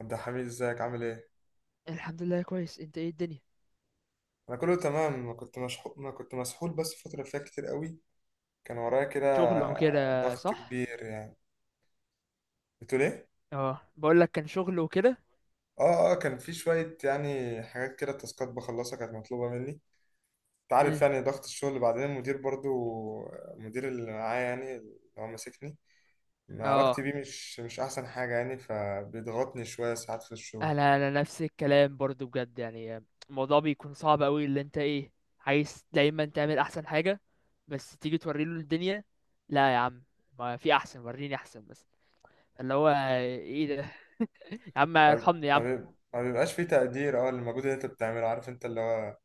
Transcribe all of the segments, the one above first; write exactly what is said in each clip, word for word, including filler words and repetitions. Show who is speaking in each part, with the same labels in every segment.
Speaker 1: عبد الحميد، ازيك؟ عامل ايه؟
Speaker 2: الحمد لله كويس. انت ايه الدنيا؟
Speaker 1: انا كله تمام. انا كنت مشحو... انا كنت مسحول بس الفتره اللي فاتت كتير قوي. كان ورايا كده
Speaker 2: شغل وكده
Speaker 1: ضغط
Speaker 2: صح.
Speaker 1: كبير يعني. بتقول ايه؟
Speaker 2: اه بقول لك كان شغل وكده.
Speaker 1: اه اه، كان في شويه يعني حاجات كده تاسكات بخلصها كانت مطلوبه مني. انت عارف
Speaker 2: امم
Speaker 1: يعني ضغط الشغل، بعدين المدير برضو. المدير اللي معايا يعني اللي هو ماسكني، علاقتي
Speaker 2: اه
Speaker 1: بيه مش مش احسن حاجه يعني، فبيضغطني شويه ساعات في الشغل.
Speaker 2: انا انا نفس الكلام برضو بجد يعني الموضوع بيكون صعب قوي، اللي انت ايه، عايز دايما تعمل احسن حاجة، بس تيجي توري له الدنيا، لا يا عم، ما في احسن، وريني احسن بس، اللي هو ايه ده يا عم
Speaker 1: ما
Speaker 2: ارحمني يا عم.
Speaker 1: بي- ما بيبقاش في تقدير اه للمجهود اللي انت بتعمله، عارف انت اللي هو.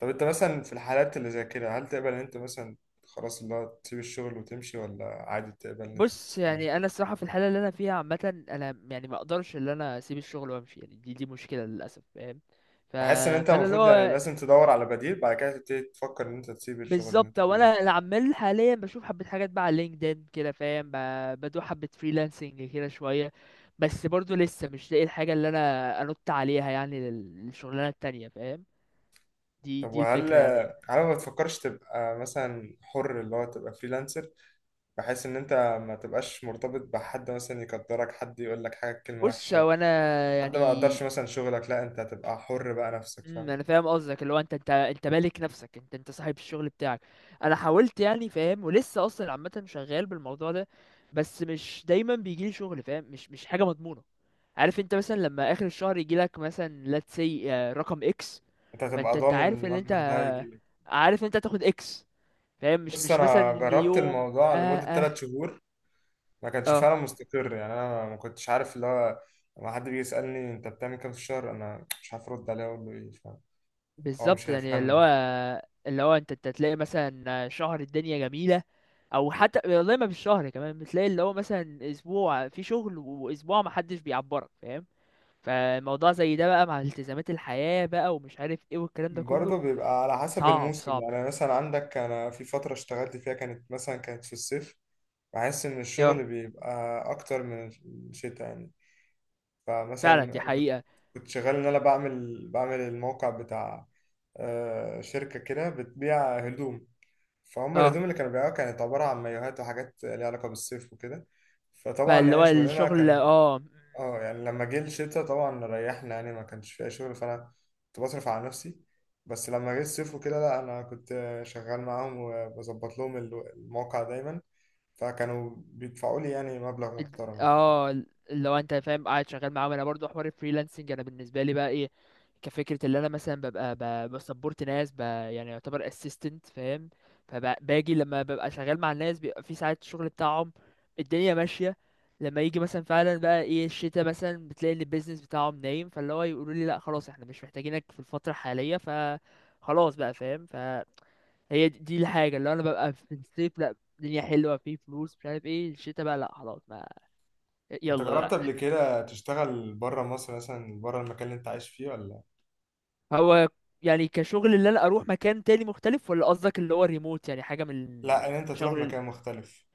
Speaker 1: طب انت مثلا في الحالات اللي زي كده، هل تقبل ان انت مثلا خلاص اللي هو تسيب الشغل وتمشي، ولا عادي تقبل ان انت
Speaker 2: بص
Speaker 1: تستنى؟
Speaker 2: يعني انا الصراحة في الحالة اللي انا فيها عامة انا يعني ما اقدرش اللي انا اسيب الشغل وامشي يعني، دي دي مشكلة للاسف، فاهم؟ ف...
Speaker 1: بحس ان انت
Speaker 2: فانا اللي
Speaker 1: المفروض يعني
Speaker 2: هو
Speaker 1: لازم تدور على بديل، بعد كده تبتدي تفكر ان انت تسيب الشغل اللي
Speaker 2: بالظبط،
Speaker 1: انت
Speaker 2: هو
Speaker 1: فيه ده.
Speaker 2: انا اللي عمال حاليا بشوف حبه حاجات بقى على لينكدين كده فاهم، ب- بدوق حبه فريلانسنج كده شويه. بس برضو لسه مش لاقي الحاجه اللي انا انط عليها يعني لل- للشغلانه التانية فاهم، دي
Speaker 1: طب
Speaker 2: دي
Speaker 1: وهل،
Speaker 2: الفكره يعني.
Speaker 1: هل ما بتفكرش تبقى مثلا حر، اللي هو تبقى فريلانسر، بحيث ان انت ما تبقاش مرتبط بحد، مثلا يقدرك حد يقول لك حاجه كلمه
Speaker 2: بص
Speaker 1: وحشه.
Speaker 2: هو انا
Speaker 1: حد
Speaker 2: يعني،
Speaker 1: ما يقدرش مثلا شغلك، لا انت هتبقى حر بقى نفسك،
Speaker 2: امم
Speaker 1: فاهم.
Speaker 2: انا فاهم قصدك، اللي هو انت انت انت مالك نفسك، انت انت صاحب الشغل بتاعك. انا حاولت يعني فاهم، ولسه اصلا عامه شغال بالموضوع ده، بس مش دايما بيجيلي شغل فاهم، مش مش حاجه مضمونه. عارف انت مثلا لما اخر الشهر يجي لك مثلا let's say، آه، رقم اكس،
Speaker 1: انت
Speaker 2: فانت
Speaker 1: هتبقى
Speaker 2: انت
Speaker 1: ضامن
Speaker 2: عارف ان
Speaker 1: المبلغ ده
Speaker 2: انت،
Speaker 1: هيجيلك.
Speaker 2: عارف انت هتاخد اكس، فاهم مش
Speaker 1: بص
Speaker 2: مش مثلا
Speaker 1: انا
Speaker 2: ان
Speaker 1: جربت
Speaker 2: يوم
Speaker 1: الموضوع
Speaker 2: اه
Speaker 1: لمده 3
Speaker 2: اه
Speaker 1: شهور، ما كانش
Speaker 2: اه
Speaker 1: فعلا مستقر يعني. انا ما كنتش عارف اللي هو لما حد بيجي يسالني انت بتعمل كام في الشهر، انا مش عارف ارد عليه اقول له ايه، فاهم. هو
Speaker 2: بالظبط
Speaker 1: مش
Speaker 2: يعني اللي هو،
Speaker 1: هيفهمني.
Speaker 2: اللي هو انت انت تلاقي مثلا، آه، شهر الدنيا جميلة، او حتى والله ما بالشهر كمان بتلاقي اللي هو مثلا اسبوع في شغل واسبوع ما حدش بيعبرك فاهم. فالموضوع زي ده بقى مع التزامات الحياة بقى ومش عارف ايه والكلام ده
Speaker 1: برضه
Speaker 2: كله
Speaker 1: بيبقى على حسب
Speaker 2: صعب
Speaker 1: الموسم
Speaker 2: صعب.
Speaker 1: يعني. مثلا عندك انا في فتره اشتغلت فيها، كانت مثلا كانت في الصيف، بحس ان
Speaker 2: اه
Speaker 1: الشغل بيبقى اكتر من الشتاء يعني.
Speaker 2: فعلا دي
Speaker 1: فمثلا
Speaker 2: حقيقة.
Speaker 1: كنت شغال ان انا بعمل بعمل الموقع بتاع آه، شركة كده بتبيع هدوم. فهم
Speaker 2: اه
Speaker 1: الهدوم اللي كانوا بيبيعوها كانت عبارة عن مايوهات وحاجات ليها علاقة بالصيف وكده. فطبعا
Speaker 2: فاللي هو
Speaker 1: يعني شغلنا
Speaker 2: الشغل
Speaker 1: كان
Speaker 2: اه
Speaker 1: اه يعني. لما جه الشتا طبعا ريحنا يعني، ما كانش فيها شغل، فأنا كنت بصرف على نفسي. بس لما جه الصيف وكده، لا أنا كنت شغال معاهم وبظبط لهم الو- الموقع دايما، فكانوا بيدفعوا لي يعني مبلغ
Speaker 2: الد-
Speaker 1: محترم، انت فاهم.
Speaker 2: اه اللي هو انت فاهم قاعد شغال معاهم. انا برضو حوار الفريلانسنج انا بالنسبه لي بقى ايه، كفكره اللي انا مثلا ببقى ب- بسبورت ناس ب يعني يعتبر اسيستنت فاهم. فباجي لما ببقى شغال مع الناس بيبقى في ساعات الشغل بتاعهم الدنيا ماشيه. لما يجي مثلا فعلا بقى ايه الشتاء مثلا بتلاقي ان البيزنس بتاعهم نايم، فاللي هو يقولوا لي لا خلاص احنا مش محتاجينك في الفتره الحاليه، ف خلاص بقى فاهم. ف هي دي دي الحاجة اللي أنا ببقى في الصيف لأ الدنيا حلوة في فلوس، مش عارف ايه الشتا بقى لأ خلاص ما،
Speaker 1: انت
Speaker 2: يلا بقى.
Speaker 1: جربت قبل كده تشتغل بره مصر، مثلا بره المكان اللي انت عايش فيه، ولا؟
Speaker 2: هو يعني كشغل اللي أنا أروح مكان تاني مختلف ولا قصدك اللي هو ريموت يعني حاجة من
Speaker 1: لا، ان انت تروح
Speaker 2: الشغل ال-
Speaker 1: مكان مختلف.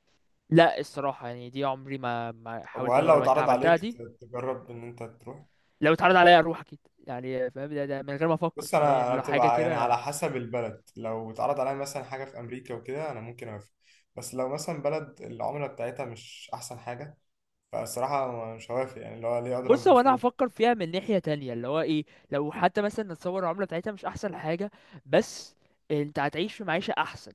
Speaker 2: لأ الصراحة يعني دي عمري ما, ما
Speaker 1: طب
Speaker 2: حاولت
Speaker 1: وهل لو
Speaker 2: أجربها، أنت
Speaker 1: اتعرض
Speaker 2: عملتها
Speaker 1: عليك
Speaker 2: دي؟
Speaker 1: ت- تجرب ان انت تروح؟
Speaker 2: لو اتعرض عليا أروح أكيد يعني فاهم، ده, ده من غير ما أفكر
Speaker 1: بص
Speaker 2: فاهم،
Speaker 1: انا
Speaker 2: يعني
Speaker 1: انا
Speaker 2: لو حاجة
Speaker 1: بتبقى يعني على
Speaker 2: كده.
Speaker 1: حسب البلد. لو اتعرض عليا مثلا حاجه في امريكا وكده، انا ممكن اوافق. بس لو مثلا بلد العمله بتاعتها مش احسن حاجه، فالصراحه مش هوافق يعني. اللي هو ليه اضرب؟
Speaker 2: بص هو
Speaker 1: مش
Speaker 2: أنا هفكر فيها من ناحية تانية اللي هو ايه، لو حتى مثلا نتصور العملة بتاعتها مش أحسن حاجة، بس انت هتعيش في معيشة احسن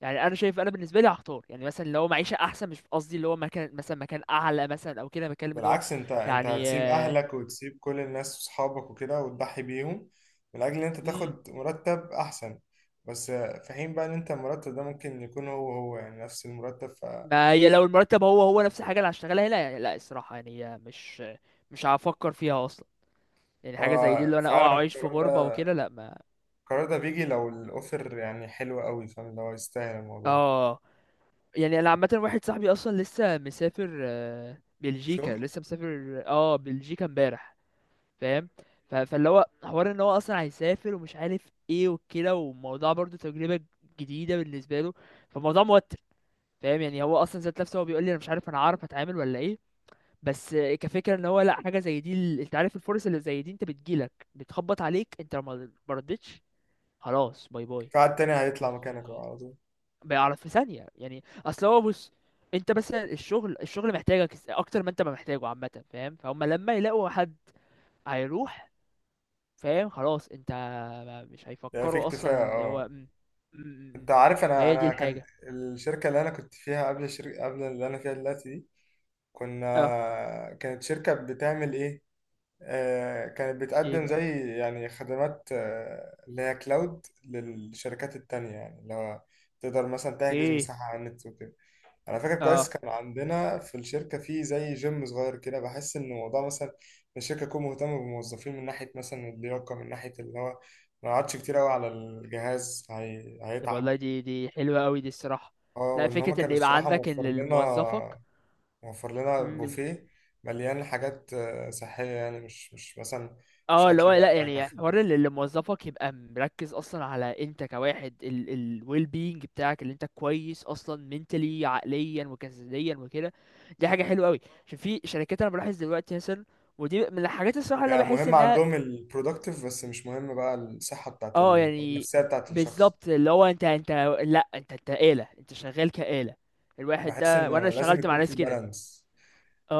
Speaker 2: يعني. انا شايف انا بالنسبه لي هختار يعني مثلا لو معيشه احسن، مش قصدي اللي هو مكان مثلا مكان اعلى مثلا او كده، بتكلم اللي هو
Speaker 1: بالعكس، انت انت
Speaker 2: يعني.
Speaker 1: هتسيب اهلك وتسيب كل الناس وصحابك وكده وتضحي بيهم من اجل ان انت
Speaker 2: امم
Speaker 1: تاخد مرتب احسن، بس في حين بقى ان انت المرتب ده ممكن يكون هو هو يعني نفس المرتب.
Speaker 2: ما هي لو المرتب هو هو نفس الحاجه اللي هشتغلها هنا يعني لا الصراحه يعني هي مش مش هفكر فيها اصلا. يعني حاجه زي دي
Speaker 1: فهو
Speaker 2: اللي انا اه
Speaker 1: فعلا
Speaker 2: اعيش في
Speaker 1: القرار
Speaker 2: غربه
Speaker 1: ده
Speaker 2: وكده لا ما.
Speaker 1: القرار ده بيجي لو الاوفر يعني حلو قوي، فاهم، لو يستاهل الموضوع.
Speaker 2: اه يعني انا عامه واحد صاحبي اصلا لسه مسافر، آه، بلجيكا،
Speaker 1: شغل؟
Speaker 2: لسه مسافر اه بلجيكا امبارح فاهم. ف- فاللي هو حوار ان هو اصلا هيسافر ومش عارف ايه وكده، والموضوع برضو تجربة جديدة بالنسبة له، فالموضوع موتر فاهم. يعني هو اصلا ذات نفسه هو بيقول لي انا مش عارف انا هعرف اتعامل ولا ايه. بس كفكرة ان هو لا حاجة زي دي ال- انت عارف الفرص اللي زي دي انت بتجيلك بتخبط عليك، انت لو ما، ما ردتش خلاص باي باي.
Speaker 1: في حد تاني هيطلع
Speaker 2: مش
Speaker 1: مكانك اه على طول.
Speaker 2: بيعرف في ثانية يعني. اصل هو بص، انت بس الشغل الشغل محتاجك اكتر ما انت ما محتاجه عامة فاهم. فهم لما يلاقوا حد هيروح فاهم خلاص انت، ما- مش
Speaker 1: يعني في
Speaker 2: هيفكروا اصلا
Speaker 1: اكتفاء
Speaker 2: ان هو
Speaker 1: اه.
Speaker 2: م- م- م-
Speaker 1: انت
Speaker 2: م.
Speaker 1: عارف، انا
Speaker 2: فهي دي
Speaker 1: انا كان
Speaker 2: الحاجه.
Speaker 1: الشركه اللي انا كنت فيها قبل، الشركه قبل اللي انا فيها دلوقتي دي،
Speaker 2: اه
Speaker 1: كنا كانت شركة بتعمل ايه آه، كانت
Speaker 2: ايه
Speaker 1: بتقدم
Speaker 2: بقى؟
Speaker 1: زي يعني خدمات آه، اللي هي كلاود للشركات التانية. يعني اللي هو تقدر مثلا تحجز
Speaker 2: ايه؟
Speaker 1: مساحة على النت وكده. أنا فاكر كويس
Speaker 2: اه
Speaker 1: كان عندنا في الشركة في زي جيم صغير كده. بحس إن الموضوع مثلا الشركة تكون مهتمة بالموظفين من ناحية مثلا اللياقة، من ناحية اللي هو ما يقعدش كتير أوي على الجهاز، هي...
Speaker 2: طب والله
Speaker 1: هيتعب.
Speaker 2: دي دي حلوه قوي دي الصراحه.
Speaker 1: اه،
Speaker 2: لا
Speaker 1: وإن هما
Speaker 2: فكره ان
Speaker 1: كانوا
Speaker 2: يبقى
Speaker 1: الصراحة
Speaker 2: عندك ان
Speaker 1: موفر
Speaker 2: اللي
Speaker 1: لنا،
Speaker 2: موظفك
Speaker 1: موفر لنا
Speaker 2: من،
Speaker 1: بوفيه مليان حاجات آه، صحية يعني. مش مش مثلا مش
Speaker 2: اه اللي
Speaker 1: أكل
Speaker 2: هو
Speaker 1: بقى
Speaker 2: لا
Speaker 1: اللي
Speaker 2: يعني
Speaker 1: هيتخن.
Speaker 2: حوار اللي اللي موظفك يبقى مركز اصلا على انت كواحد ال ال well being بتاعك، اللي انت كويس اصلا mentally عقليا وجسديا وكده. دي حاجه حلوه قوي. عشان في شركات انا بلاحظ دلوقتي مثلا، ودي من الحاجات الصراحه اللي انا
Speaker 1: يعني
Speaker 2: بحس
Speaker 1: مهم
Speaker 2: انها،
Speaker 1: عندهم البرودكتيف بس مش مهم بقى الصحة بتاعت
Speaker 2: اه
Speaker 1: ال... أو
Speaker 2: يعني
Speaker 1: النفسية بتاعت الشخص.
Speaker 2: بالظبط اللي هو انت انت، لا انت انت آلة، انت شغال كآلة الواحد
Speaker 1: بحس
Speaker 2: ده. وانا
Speaker 1: ان لازم
Speaker 2: اشتغلت مع
Speaker 1: يكون في
Speaker 2: ناس كده.
Speaker 1: بالانس.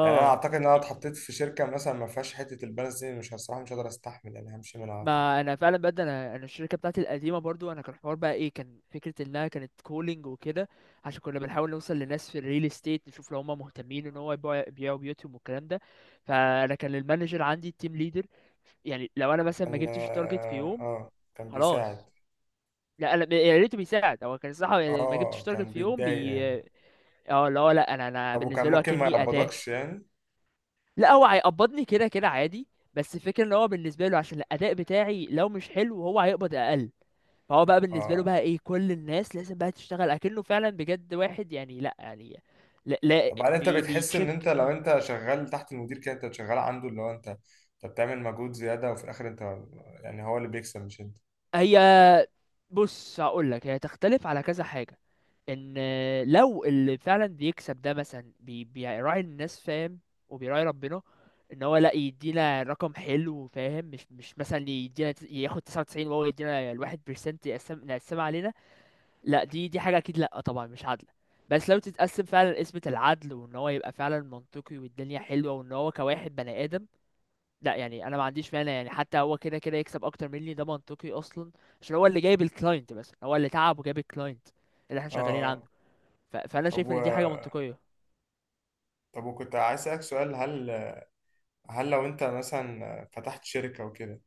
Speaker 1: يعني انا اعتقد ان انا اتحطيت في شركة مثلا ما فيهاش حتة البالانس دي، مش الصراحة مش هقدر استحمل يعني، همشي منها على طول.
Speaker 2: ما انا فعلا بجد انا انا الشركه بتاعتي القديمه برضو، انا كان الحوار بقى ايه، كان فكره انها كانت كولينج وكده، عشان كنا بنحاول نوصل لناس في الريل استيت، نشوف لو هم مهتمين ان هو يبيعوا يبيعوا بيوتهم والكلام ده. فانا كان المانجر عندي التيم ليدر يعني، لو انا مثلا ما
Speaker 1: كان
Speaker 2: جبتش تارجت في
Speaker 1: اه
Speaker 2: يوم
Speaker 1: آه، كان بيساعد.
Speaker 2: خلاص. لا انا يا ريته بيساعد، هو كان الصراحه يعني ما جبتش
Speaker 1: اه
Speaker 2: تارجت
Speaker 1: كان
Speaker 2: في يوم
Speaker 1: بيتضايق
Speaker 2: بي.
Speaker 1: يعني.
Speaker 2: اه اللي هو لا انا انا
Speaker 1: طب وكان
Speaker 2: بالنسبه له
Speaker 1: ممكن ما
Speaker 2: اكني اداه.
Speaker 1: يقبضكش يعني؟
Speaker 2: لا هو هيقبضني كده كده عادي، بس الفكره ان هو بالنسبه له عشان الاداء بتاعي لو مش حلو هو هيقبض اقل. فهو بقى بالنسبه له
Speaker 1: اه.
Speaker 2: بقى ايه كل الناس لازم بقى تشتغل اكنه فعلا بجد واحد يعني، لا يعني، لا, لا
Speaker 1: طب هل انت
Speaker 2: بي
Speaker 1: بتحس ان انت
Speaker 2: بيتشك.
Speaker 1: لو انت شغال تحت المدير كده انت شغال عنده، اللي هو انت انت بتعمل مجهود زيادة وفي الاخر انت يعني هو اللي بيكسب مش انت؟
Speaker 2: هي بص هقول لك هي تختلف على كذا حاجه. ان لو اللي فعلا بيكسب ده مثلا بي بيراعي الناس فاهم، وبيراعي ربنا ان هو لا يدينا رقم حلو فاهم، مش مش مثلا يدينا تس- ياخد تسعة وتسعين وهو يدينا الواحد بيرسنت يقسم، نقسمها علينا لا، دي دي حاجه اكيد لا طبعا مش عادله. بس لو تتقسم فعلا قسمة العدل وان هو يبقى فعلا منطقي والدنيا حلوه وان هو كواحد بني ادم، لا يعني انا ما عنديش مانع يعني. حتى هو كده كده يكسب اكتر مني ده منطقي اصلا، عشان هو اللي جايب الكلاينت، بس هو اللي تعب وجايب الكلاينت اللي احنا
Speaker 1: اه
Speaker 2: شغالين
Speaker 1: آه.
Speaker 2: عنده. ف... فانا
Speaker 1: طب
Speaker 2: شايف ان دي حاجه
Speaker 1: و...
Speaker 2: منطقيه.
Speaker 1: طب وكنت عايز اسالك سؤال. هل هل لو انت مثلا فتحت شركه وكده،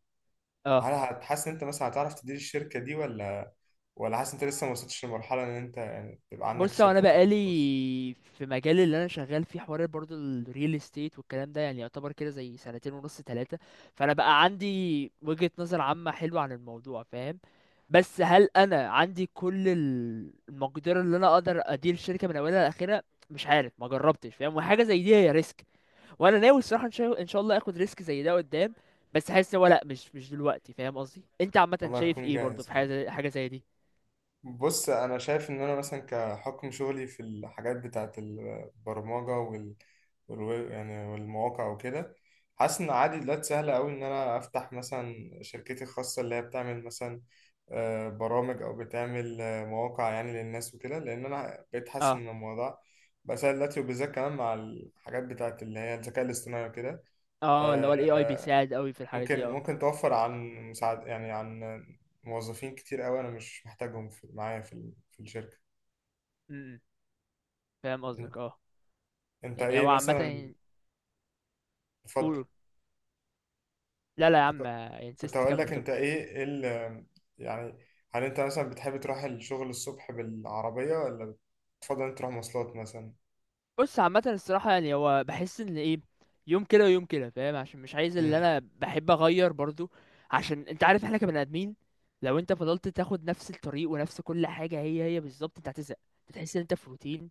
Speaker 1: هل
Speaker 2: اه
Speaker 1: هتحس ان انت مثلا هتعرف تدير الشركه دي، ولا ولا حاسس ان انت لسه ما وصلتش لمرحله ان انت يعني تبقى عندك
Speaker 2: بص هو انا
Speaker 1: شركتك الخاصه؟
Speaker 2: بقالي في مجال اللي انا شغال فيه حوار برضه الريل استيت والكلام ده يعني يعتبر كده زي سنتين ونص ثلاثه، فانا بقى عندي وجهه نظر عامه حلوه عن الموضوع فاهم. بس هل انا عندي كل ال- المقدره اللي انا اقدر ادير الشركه من اولها لاخرها؟ مش عارف ما جربتش فاهم، وحاجه زي دي هي ريسك. وانا ناوي الصراحه ان شاء ان شاء الله اخد ريسك زي ده قدام، بس حاسس ان هو لا مش مش دلوقتي فاهم قصدي. انت عامه
Speaker 1: لما
Speaker 2: شايف
Speaker 1: تكون
Speaker 2: ايه برضه
Speaker 1: جاهز
Speaker 2: في حاجه
Speaker 1: يعني.
Speaker 2: زي حاجه زي دي؟
Speaker 1: بص انا شايف ان انا مثلا كحكم شغلي في الحاجات بتاعه البرمجه وال والويب يعني والمواقع وكده، حاسس ان عادي دلوقتي سهله قوي ان انا افتح مثلا شركتي الخاصه اللي هي بتعمل مثلا آه، برامج او بتعمل آه، مواقع يعني للناس وكده، لان انا بقيت حاسس
Speaker 2: اه
Speaker 1: ان الموضوع بقى سهل دلوقتي، وبالذات كمان مع الحاجات بتاعه اللي هي الذكاء الاصطناعي وكده.
Speaker 2: اه اللي هو الاي اي
Speaker 1: آه،
Speaker 2: بيساعد قوي في الحاجات
Speaker 1: ممكن
Speaker 2: دي اه.
Speaker 1: ممكن توفر عن مساعد يعني، عن موظفين كتير قوي انا مش محتاجهم في معايا في ال- في الشركه.
Speaker 2: امم فاهم
Speaker 1: انت,
Speaker 2: قصدك اه،
Speaker 1: انت
Speaker 2: يعني
Speaker 1: ايه
Speaker 2: هو عامة.
Speaker 1: مثلا؟ تفضل.
Speaker 2: قول، لا لا يا
Speaker 1: كنت
Speaker 2: عم
Speaker 1: كنت
Speaker 2: انسيست
Speaker 1: هقول
Speaker 2: كمل
Speaker 1: لك
Speaker 2: كمل.
Speaker 1: انت ايه إيه ال يعني، هل انت مثلا بتحب تروح الشغل الصبح بالعربيه، ولا بتفضل انت تروح مواصلات مثلا؟
Speaker 2: بص عامة الصراحة يعني هو بحس ان ايه، يوم كده ويوم كده فاهم عشان مش عايز، اللي
Speaker 1: امم.
Speaker 2: انا بحب اغير برضو عشان انت عارف احنا كبني ادمين، لو انت فضلت تاخد نفس الطريق ونفس كل حاجة هي هي بالظبط انت هتزهق، تحس ان انت في روتين.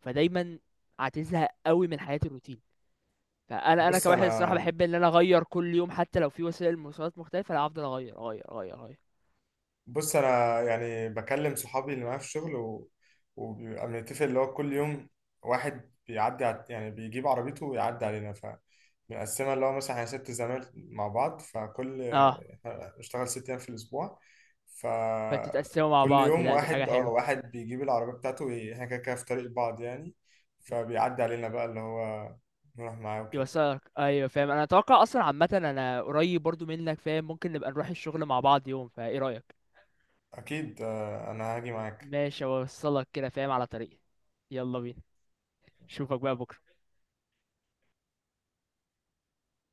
Speaker 2: فدايما هتزهق قوي من حياة الروتين. فانا انا
Speaker 1: بص
Speaker 2: كواحد الصراحه
Speaker 1: انا
Speaker 2: بحب ان انا اغير كل يوم حتى لو في وسائل مواصلات مختلفه، لا هفضل اغير اغير اغير اغير.
Speaker 1: بص انا يعني بكلم صحابي اللي معايا في الشغل و... وبيبقى بنتفق اللي هو كل يوم واحد بيعدي ع- يعني بيجيب عربيته ويعدي علينا، ف بنقسمها اللي هو مثلا احنا ست زمايل مع بعض، فكل
Speaker 2: اه
Speaker 1: إحنا بنشتغل ست ايام في الاسبوع،
Speaker 2: فانتوا تقسموا مع
Speaker 1: فكل
Speaker 2: بعض؟
Speaker 1: يوم
Speaker 2: لا دي حاجه
Speaker 1: واحد اه
Speaker 2: حلوه.
Speaker 1: واحد بيجيب العربية بتاعته وي- احنا كده كده في طريق بعض يعني، فبيعدي علينا بقى اللي هو نروح معاه وكده.
Speaker 2: يوصلك ايوه فاهم. انا اتوقع اصلا عامه انا قريب برضو منك فاهم، ممكن نبقى نروح الشغل مع بعض يوم، فايه رايك؟
Speaker 1: اكيد آه، انا هاجي معاك.
Speaker 2: ماشي اوصلك كده فاهم على طريقي. يلا بينا، اشوفك بقى بكره.